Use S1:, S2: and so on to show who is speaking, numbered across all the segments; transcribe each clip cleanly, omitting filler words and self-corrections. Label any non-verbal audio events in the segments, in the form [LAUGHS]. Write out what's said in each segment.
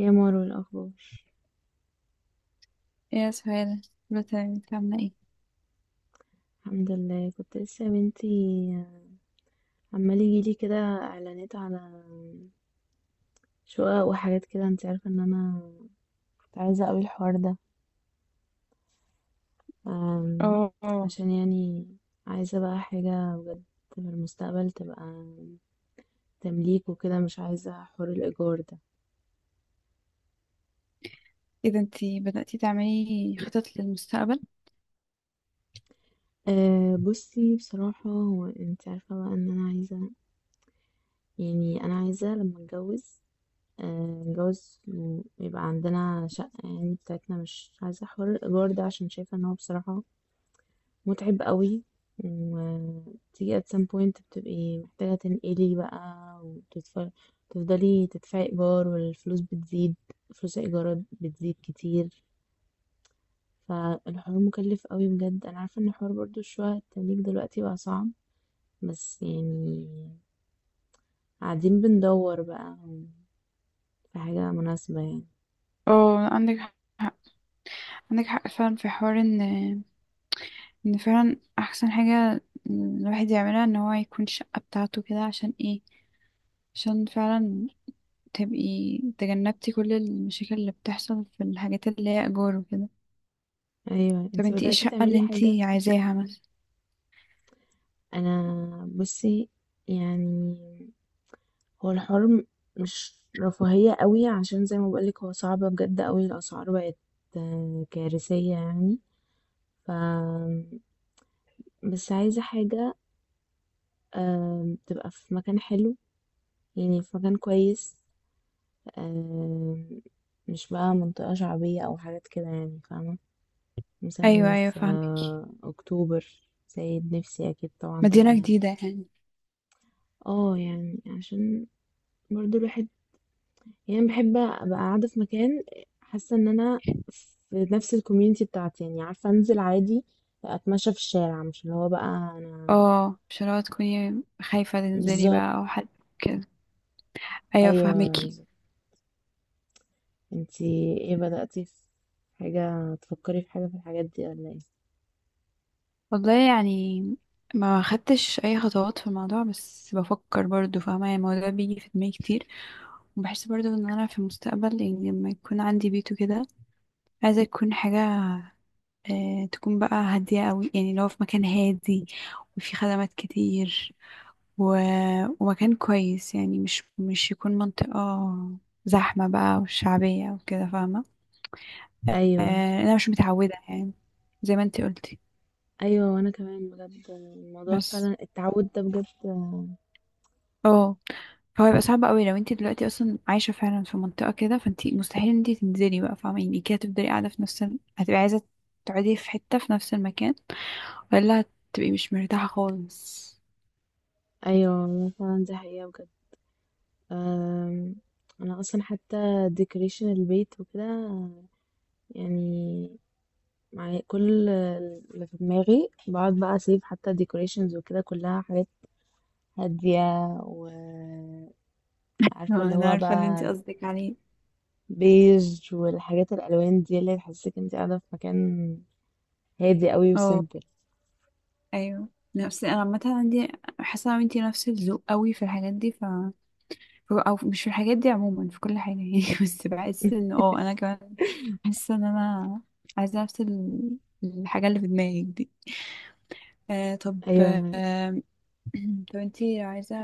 S1: يا مارو، الأخبار؟
S2: ايه يا سهيل؟ دلوقتي انت عاملة ايه؟
S1: الحمد لله. كنت لسه يا بنتي، عمال يجيلي كده إعلانات على شقق وحاجات كده. انت عارفة ان أنا كنت عايزة أوي الحوار ده. أم،
S2: اه آه.
S1: عشان يعني عايزة بقى حاجة بجد في المستقبل تبقى تمليك وكده. مش عايزة حوار الإيجار ده.
S2: ايه ده، انتي بدأتي تعملي خطط للمستقبل؟
S1: أه بصي بصراحة، هو انت عارفة بقى ان انا عايزة، يعني انا عايزة لما اتجوز جوز، يبقى عندنا شقة يعني بتاعتنا. مش عايزة حوار الإيجار ده عشان شايفة إن هو بصراحة متعب قوي. وتيجي at some point بتبقي محتاجة تنقلي بقى تفضلي تدفعي إيجار، والفلوس بتزيد، فلوس الإيجارات بتزيد كتير. فالحوار مكلف قوي بجد. أنا عارفة إن حوار برضو الشقق التمليك دلوقتي بقى صعب، بس يعني قاعدين بندور بقى في حاجة مناسبة يعني.
S2: اه، عندك حق، عندك حق فعلا في حوار ان فعلا احسن حاجة الواحد يعملها ان هو يكون شقة بتاعته كده، عشان ايه؟ عشان فعلا تبقي تجنبتي كل المشاكل اللي بتحصل في الحاجات اللي هي اجار وكده.
S1: أيوة.
S2: طب
S1: انتي
S2: انتي ايه
S1: بدأتي
S2: الشقة اللي
S1: تعملي حاجة؟
S2: انتي عايزاها مثلا؟
S1: انا بصي يعني، هو الحوار مش رفاهية قوي، عشان زي ما بقولك هو صعب بجد قوي، الاسعار بقت كارثية يعني. ف بس عايزة حاجة تبقى في مكان حلو، يعني في مكان كويس، آه، مش بقى منطقة شعبية او حاجات كده يعني، فاهمة؟
S2: ايوه
S1: مثلا
S2: ايوه،
S1: في
S2: فاهمك.
S1: اكتوبر. سيد. نفسي اكيد طبعا تبقى
S2: مدينة
S1: هنا.
S2: جديدة يعني.
S1: اه يعني عشان برضو الواحد يعني بحب ابقى قاعده في مكان حاسه ان انا في نفس الكوميونتي بتاعتي، يعني عارفه انزل عادي، اتمشى في الشارع، مش اللي هو بقى انا.
S2: اه، مش اللي هو تكوني خايفة تنزلي
S1: بالظبط.
S2: بقى او حد كده. ايوه
S1: ايوه
S2: فهمكي.
S1: بالظبط. انتي ايه، بدأتي في حاجه، تفكري في حاجه في الحاجات دي ولا ايه؟
S2: والله يعني ما خدتش اي خطوات في الموضوع، بس بفكر برضو فاهمه، يعني الموضوع بيجي في دماغي كتير. وبحس برضو ان انا في المستقبل يعني لما يكون عندي بيت وكده، عايزه يكون حاجه تكون بقى هاديه قوي، يعني لو في مكان هادي وفي خدمات كتير و... ومكان كويس، يعني مش يكون منطقه زحمه بقى وشعبيه وكده فاهمه.
S1: ايوه،
S2: انا مش متعوده يعني، زي ما انتي قلتي.
S1: ايوه. وانا كمان بجد الموضوع
S2: بس
S1: فعلا التعود ده بجد.
S2: اه فهو يبقى صعب قوي لو انت دلوقتي اصلا عايشه فعلا في منطقه كده، فانت مستحيل ان انت تنزلي بقى فاهمه، يعني كده هتفضلي قاعده في هتبقي عايزه تقعدي في حته في نفس المكان، ولا هتبقي مش مرتاحه خالص.
S1: ايوه والله فعلا دي حقيقه بجد. أم، انا اصلا حتى ديكوريشن البيت وكده يعني معايا كل اللي في دماغي، بقعد بقى اسيب حتى ديكوريشنز وكده كلها حاجات هادية، وعارفة
S2: اه،
S1: اللي
S2: انا
S1: هو
S2: عارفه اللي انت
S1: بقى
S2: قصدك عليه.
S1: بيج، والحاجات الألوان دي اللي تحسسك انت قاعدة في مكان هادي قوي
S2: اه،
S1: وسيمبل.
S2: ايوه. نفس انا عامه عندي، حاسه ان انت نفس الذوق قوي في الحاجات دي او مش في الحاجات دي عموما، في كل حاجه يعني [LAUGHS] بس بحس ان انا كمان حاسه ان انا عايزه الحاجه اللي في دماغك دي. آه طب
S1: ايوه.
S2: آه [CLEARS THROAT] طب انتي لو عايزة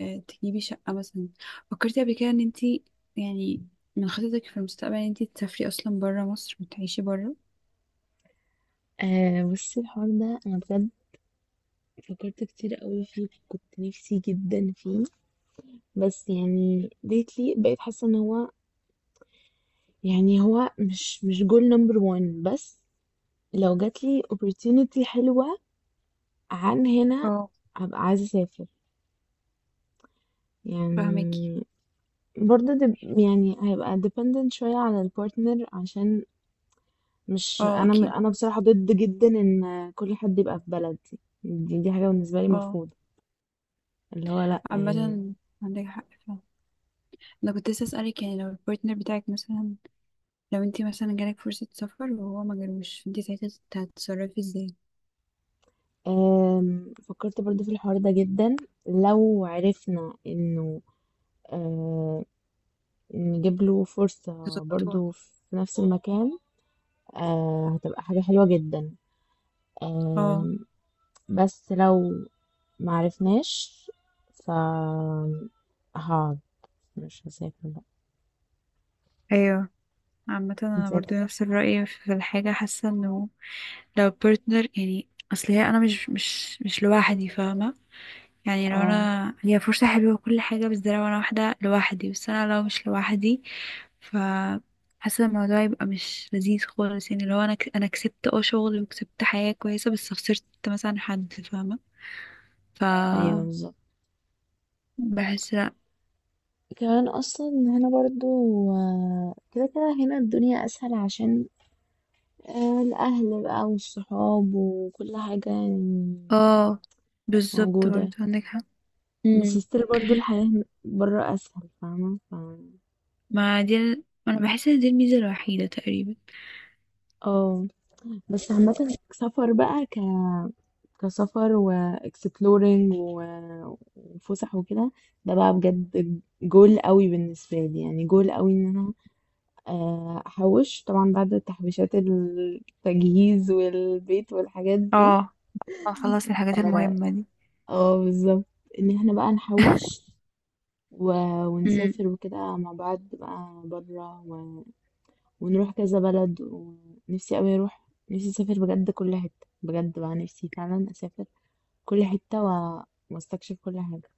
S2: تجيبي شقة مثلا، فكرتي قبل كده ان انتي، يعني من خططك في المستقبل، ان انتي تسافري اصلا برا مصر وتعيشي برا؟
S1: آه بصي، الحوار ده انا بجد فكرت كتير قوي فيه، كنت نفسي جدا فيه، بس يعني ديتلي بقيت حاسة ان هو، يعني هو مش جول نمبر وان بس. لو جاتلي opportunity حلوة عن هنا،
S2: اه
S1: هبقى عايزة اسافر
S2: فاهماكي.
S1: يعني. برضه يعني هيبقى dependent شوية على البارتنر، عشان مش
S2: اه
S1: انا م-
S2: اكيد.
S1: انا بصراحة ضد جدا ان كل حد يبقى في بلدي دي, دي حاجة بالنسبة لي
S2: اه،
S1: مرفوضة، اللي هو لا يعني.
S2: عامة عندك حق فعلا. انا كنت لسه اسألك، يعني لو البارتنر بتاعك مثلا، لو انتي مثلا جالك فرصة سفر وهو ما جالوش، انتي ساعتها هتتصرفي ازاي؟
S1: فكرت برضه في الحوار ده جدا. لو عرفنا انه، أه، نجيب له فرصة
S2: تظبطوها.
S1: برضه في نفس المكان، هتبقى حاجة حلوة جدا.
S2: اه،
S1: أم، بس لو معرفناش، ف هقعد، مش هسافر بقى.
S2: ايوه. عامة انا
S1: هتسافر.
S2: برضو نفس الرأي في الحاجة، حاسة انه لو بارتنر يعني، اصل هي انا مش لوحدي فاهمه، يعني لو
S1: اه،
S2: انا هي فرصه حلوه وكل حاجه، بس ده لو انا واحده لوحدي، بس انا لو مش لوحدي ف حاسه الموضوع يبقى مش لذيذ خالص. يعني لو انا انا كسبت اه شغل وكسبت حياه كويسه، بس خسرت مثلا حد فاهمه ف
S1: ايوه بالظبط.
S2: بحس لا.
S1: كمان اصلا هنا برضو، كده كده هنا الدنيا اسهل، عشان الاهل بقى والصحاب وكل حاجة يعني
S2: اه بالظبط
S1: موجودة.
S2: برضه، عندك حق.
S1: بس
S2: امم،
S1: ستيل برضو الحياة برا اسهل، فاهمة.
S2: ما دي ال- انا بحس ان دي الميزه الوحيده تقريبا.
S1: اه. بس عامة سفر بقى، كسفر واكسبلورينج وفسح وكده، ده بقى بجد جول قوي بالنسبة لي، يعني جول قوي ان انا احوش طبعا بعد تحويشات التجهيز والبيت والحاجات دي.
S2: اه، خلاص الحاجات
S1: اه،
S2: المهمة دي.
S1: بالظبط، ان احنا بقى نحوش و...
S2: امم.
S1: ونسافر وكده مع بعض بقى بره ونروح كذا بلد. ونفسي قوي اروح، نفسي اسافر بجد كل حتة، بجد بقى نفسي فعلا اسافر كل حتة واستكشف كل حاجة.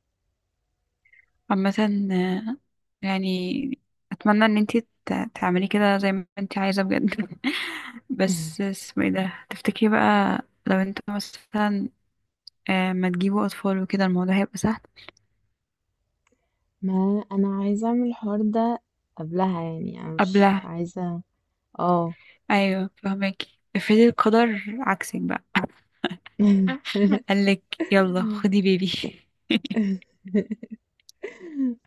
S2: عامة آه، يعني اتمنى ان انتي تعملي كده زي ما انتي عايزة بجد [LAUGHS] بس
S1: [LAUGHS]
S2: اسمه ايه ده تفتكري بقى؟ لو انتوا مثلا ما تجيبوا اطفال وكده الموضوع هيبقى سهل.
S1: ما انا عايزه اعمل الحوار ده قبلها، يعني انا مش
S2: قبلها؟
S1: عايزه. اه.
S2: ايوه فهماكي، افرضي القدر عكسك بقى [LAUGHS]
S1: [LAUGHS]
S2: قالك يلا خدي بيبي [LAUGHS]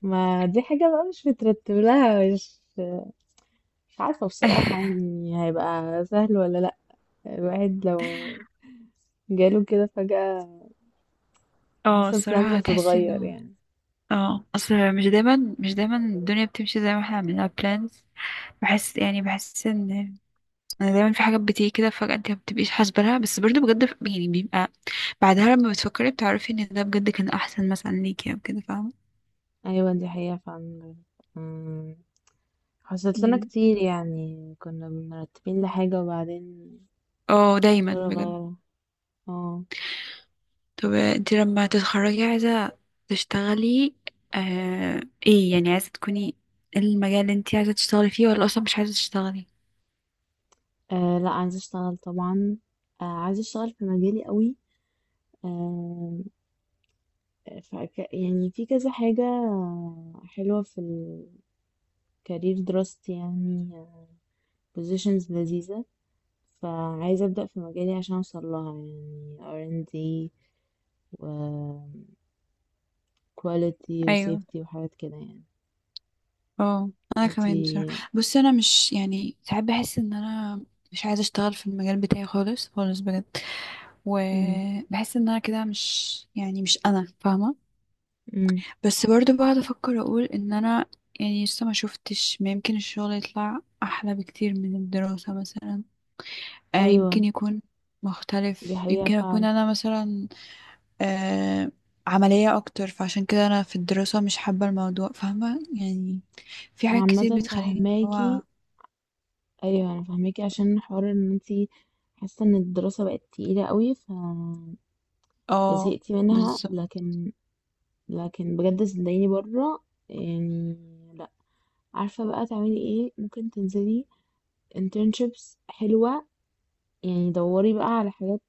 S1: ما دي حاجه بقى مش مترتب لها، مش عارفه بصراحه يعني هيبقى سهل ولا لا. الواحد لو جاله كده فجاه،
S2: اه
S1: حاسه البلانز
S2: الصراحة هتحسي
S1: هتتغير
S2: انه
S1: يعني.
S2: اه اصل مش دايما، مش دايما الدنيا بتمشي زي ما احنا عملنا بلانز. بحس ان انا دايما في حاجات بتيجي كده فجأة انت ما بتبقيش حاسبة لها، بس برضه بجد يعني بيبقى بعدها لما بتفكري بتعرفي ان ده بجد كان احسن مثلا ليكي او كده فاهمة.
S1: ايوه دي حقيقه فعلا. أمم، حصلت لنا
S2: مم.
S1: كتير، يعني كنا مرتبين لحاجه وبعدين
S2: اه دايما
S1: قرر
S2: بجد.
S1: غيرها. اه.
S2: طب انت لما تتخرجي عايزة تشتغلي، آه ايه يعني عايزة تكوني، إيه المجال اللي انت عايزة تشتغلي فيه؟ ولا اصلا مش عايزة تشتغلي؟
S1: أه لا، عايزة أشتغل طبعا. أه عايزة أشتغل في مجالي قوي. أه فك يعني في كذا حاجة حلوة في الكارير دراستي يعني، بوزيشنز لذيذة. فعايزة أبدأ في مجالي عشان أوصل لها، يعني R&D و quality و
S2: ايوه.
S1: safety وحاجات كده يعني.
S2: اه انا
S1: انتي؟
S2: كمان بصراحة. بصي انا مش يعني ساعات بحس ان انا مش عايزة اشتغل في المجال بتاعي خالص خالص بجد.
S1: مم.
S2: وبحس ان انا كده مش يعني مش انا فاهمه.
S1: مم.
S2: بس برضو بقعد افكر اقول ان انا يعني لسه ما شفتش، ما يمكن الشغل يطلع احلى بكتير من الدراسه مثلا، آه
S1: أيوة
S2: يمكن يكون
S1: دي
S2: مختلف،
S1: حقيقة
S2: يمكن اكون
S1: فعلا.
S2: انا مثلا آه عمليه اكتر، فعشان كده انا في الدراسه مش حابه الموضوع فاهمه. يعني في
S1: أنا
S2: حاجات كتير
S1: عامة
S2: بتخليني اللي هو
S1: فهماكي، ايوه انا فاهماكي عشان حوار ان انتي حاسه ان الدراسه بقت تقيله قوي
S2: اه
S1: فزهقتي منها،
S2: بالظبط.
S1: لكن، بجد صدقيني بره يعني، لا، عارفه بقى تعملي ايه، ممكن تنزلي internships حلوه يعني، دوري بقى على حاجات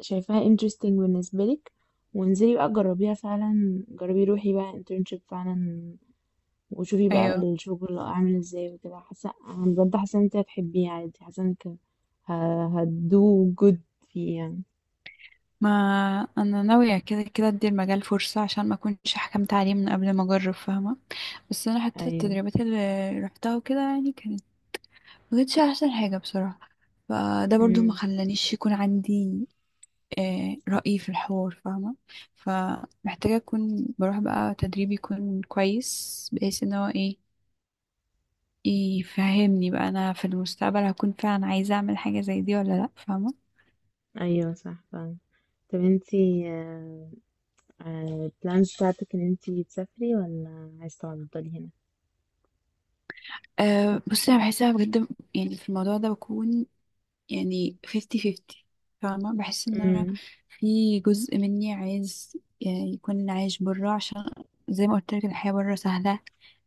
S1: شايفاها interesting بالنسبه لك، وانزلي بقى جربيها فعلا، جربي روحي بقى internship فعلا، وشوفي بقى
S2: ايوه،
S1: الشغل عامل ازاي وكده. حاسه انا بجد، حاسه ان انت هتحبيه عادي، حاسه انك هتدو جود فيه يعني.
S2: ما انا ناويه كده كده ادي المجال فرصه عشان ما اكونش حكمت عليه من قبل ما اجرب فاهمه. بس انا حتى
S1: ايوه.
S2: التدريبات اللي رحتها وكده يعني كانت، ما كانتش احسن حاجه بصراحه. فده برضو ما
S1: امم.
S2: خلانيش يكون عندي رأي في الحوار فاهمه. فمحتاجه اكون بروح بقى تدريب يكون كويس بحيث ان هو ايه، يفهمني بقى انا في المستقبل هكون فعلا عايزه اعمل حاجه زي دي ولا لا فاهمه.
S1: ايوه صح فعلا. طب انتي البلانز بتاعتك ان انتي تسافري ولا عايزة تفضلي هنا؟
S2: أه بصي انا بحسها بجد، يعني في الموضوع ده بكون يعني 50-50 فاهمة. بحس ان انا
S1: امم.
S2: في جزء مني عايز يعني يكون عايش برا، عشان زي ما قلت لك الحياة برا سهلة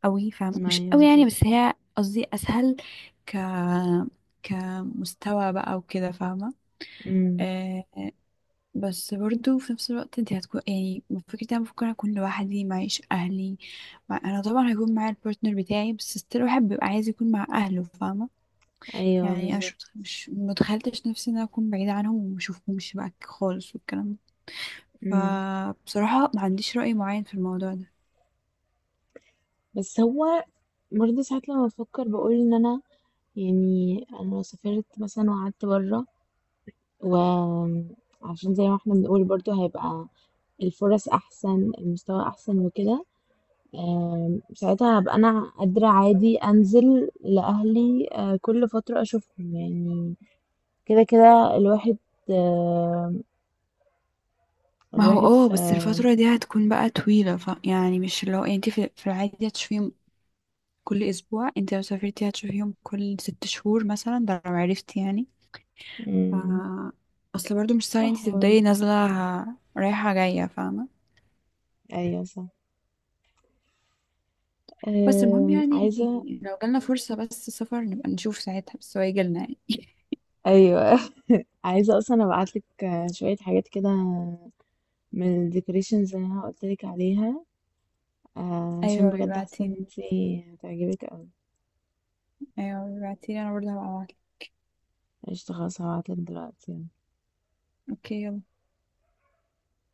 S2: قوي فاهمة،
S1: ما
S2: مش
S1: ايوه
S2: قوي يعني
S1: بالظبط.
S2: بس هي قصدي اسهل، ك كمستوى بقى وكده فاهمة.
S1: امم.
S2: آه بس برضو في نفس الوقت انت هتكون يعني فكرة انا ممكن اكون لوحدي معيش اهلي، انا طبعا هيكون معايا البارتنر بتاعي، بس ستيل الواحد بيبقى عايز يكون مع اهله فاهمة.
S1: ايوه
S2: يعني انا
S1: بالظبط.
S2: مش متخيلتش نفسي ان انا اكون بعيدة عنهم وما اشوفهمش بقى خالص والكلام ده.
S1: امم
S2: فبصراحة ما عنديش رأي معين في الموضوع ده.
S1: بس هو برضه ساعات لما بفكر بقول ان انا، يعني انا لو سافرت مثلا وقعدت بره، وعشان زي ما احنا بنقول برضو هيبقى الفرص احسن المستوى احسن وكده، ساعتها هبقى انا قادرة عادي انزل لاهلي، كل فترة اشوفهم يعني. كده كده الواحد. آم،
S2: ما هو
S1: الواحد
S2: اه
S1: في.
S2: بس الفترة دي هتكون بقى طويلة ف يعني مش اللي هو، يعني انت في العادي هتشوفيهم كل اسبوع، انت لو سافرتي هتشوفيهم كل 6 شهور مثلا، ده لو عرفتي يعني
S1: مم،
S2: ف اصل برضو مش سهل
S1: صح
S2: انت
S1: برضه.
S2: تفضلي نازلة رايحة جاية فاهمة.
S1: ايوه صح.
S2: بس المهم يعني
S1: عايزة.
S2: لو جالنا فرصة بس سفر نبقى نشوف ساعتها، بس هو يجيلنا يعني [LAUGHS]
S1: أيوة [LAUGHS] عايزة أصلا أبعتلك شوية حاجات كده من الديكوريشنز اللي أنا قلتلك عليها، عشان
S2: ايوه
S1: بجد حاسة ان
S2: بيبعتي.
S1: انتي هتعجبك اوي.
S2: ايوه بعتيلي، انا برضه هبقى ابعتلك.
S1: قشطة، خلاص هبعتلك دلوقتي.
S2: اوكي يلا.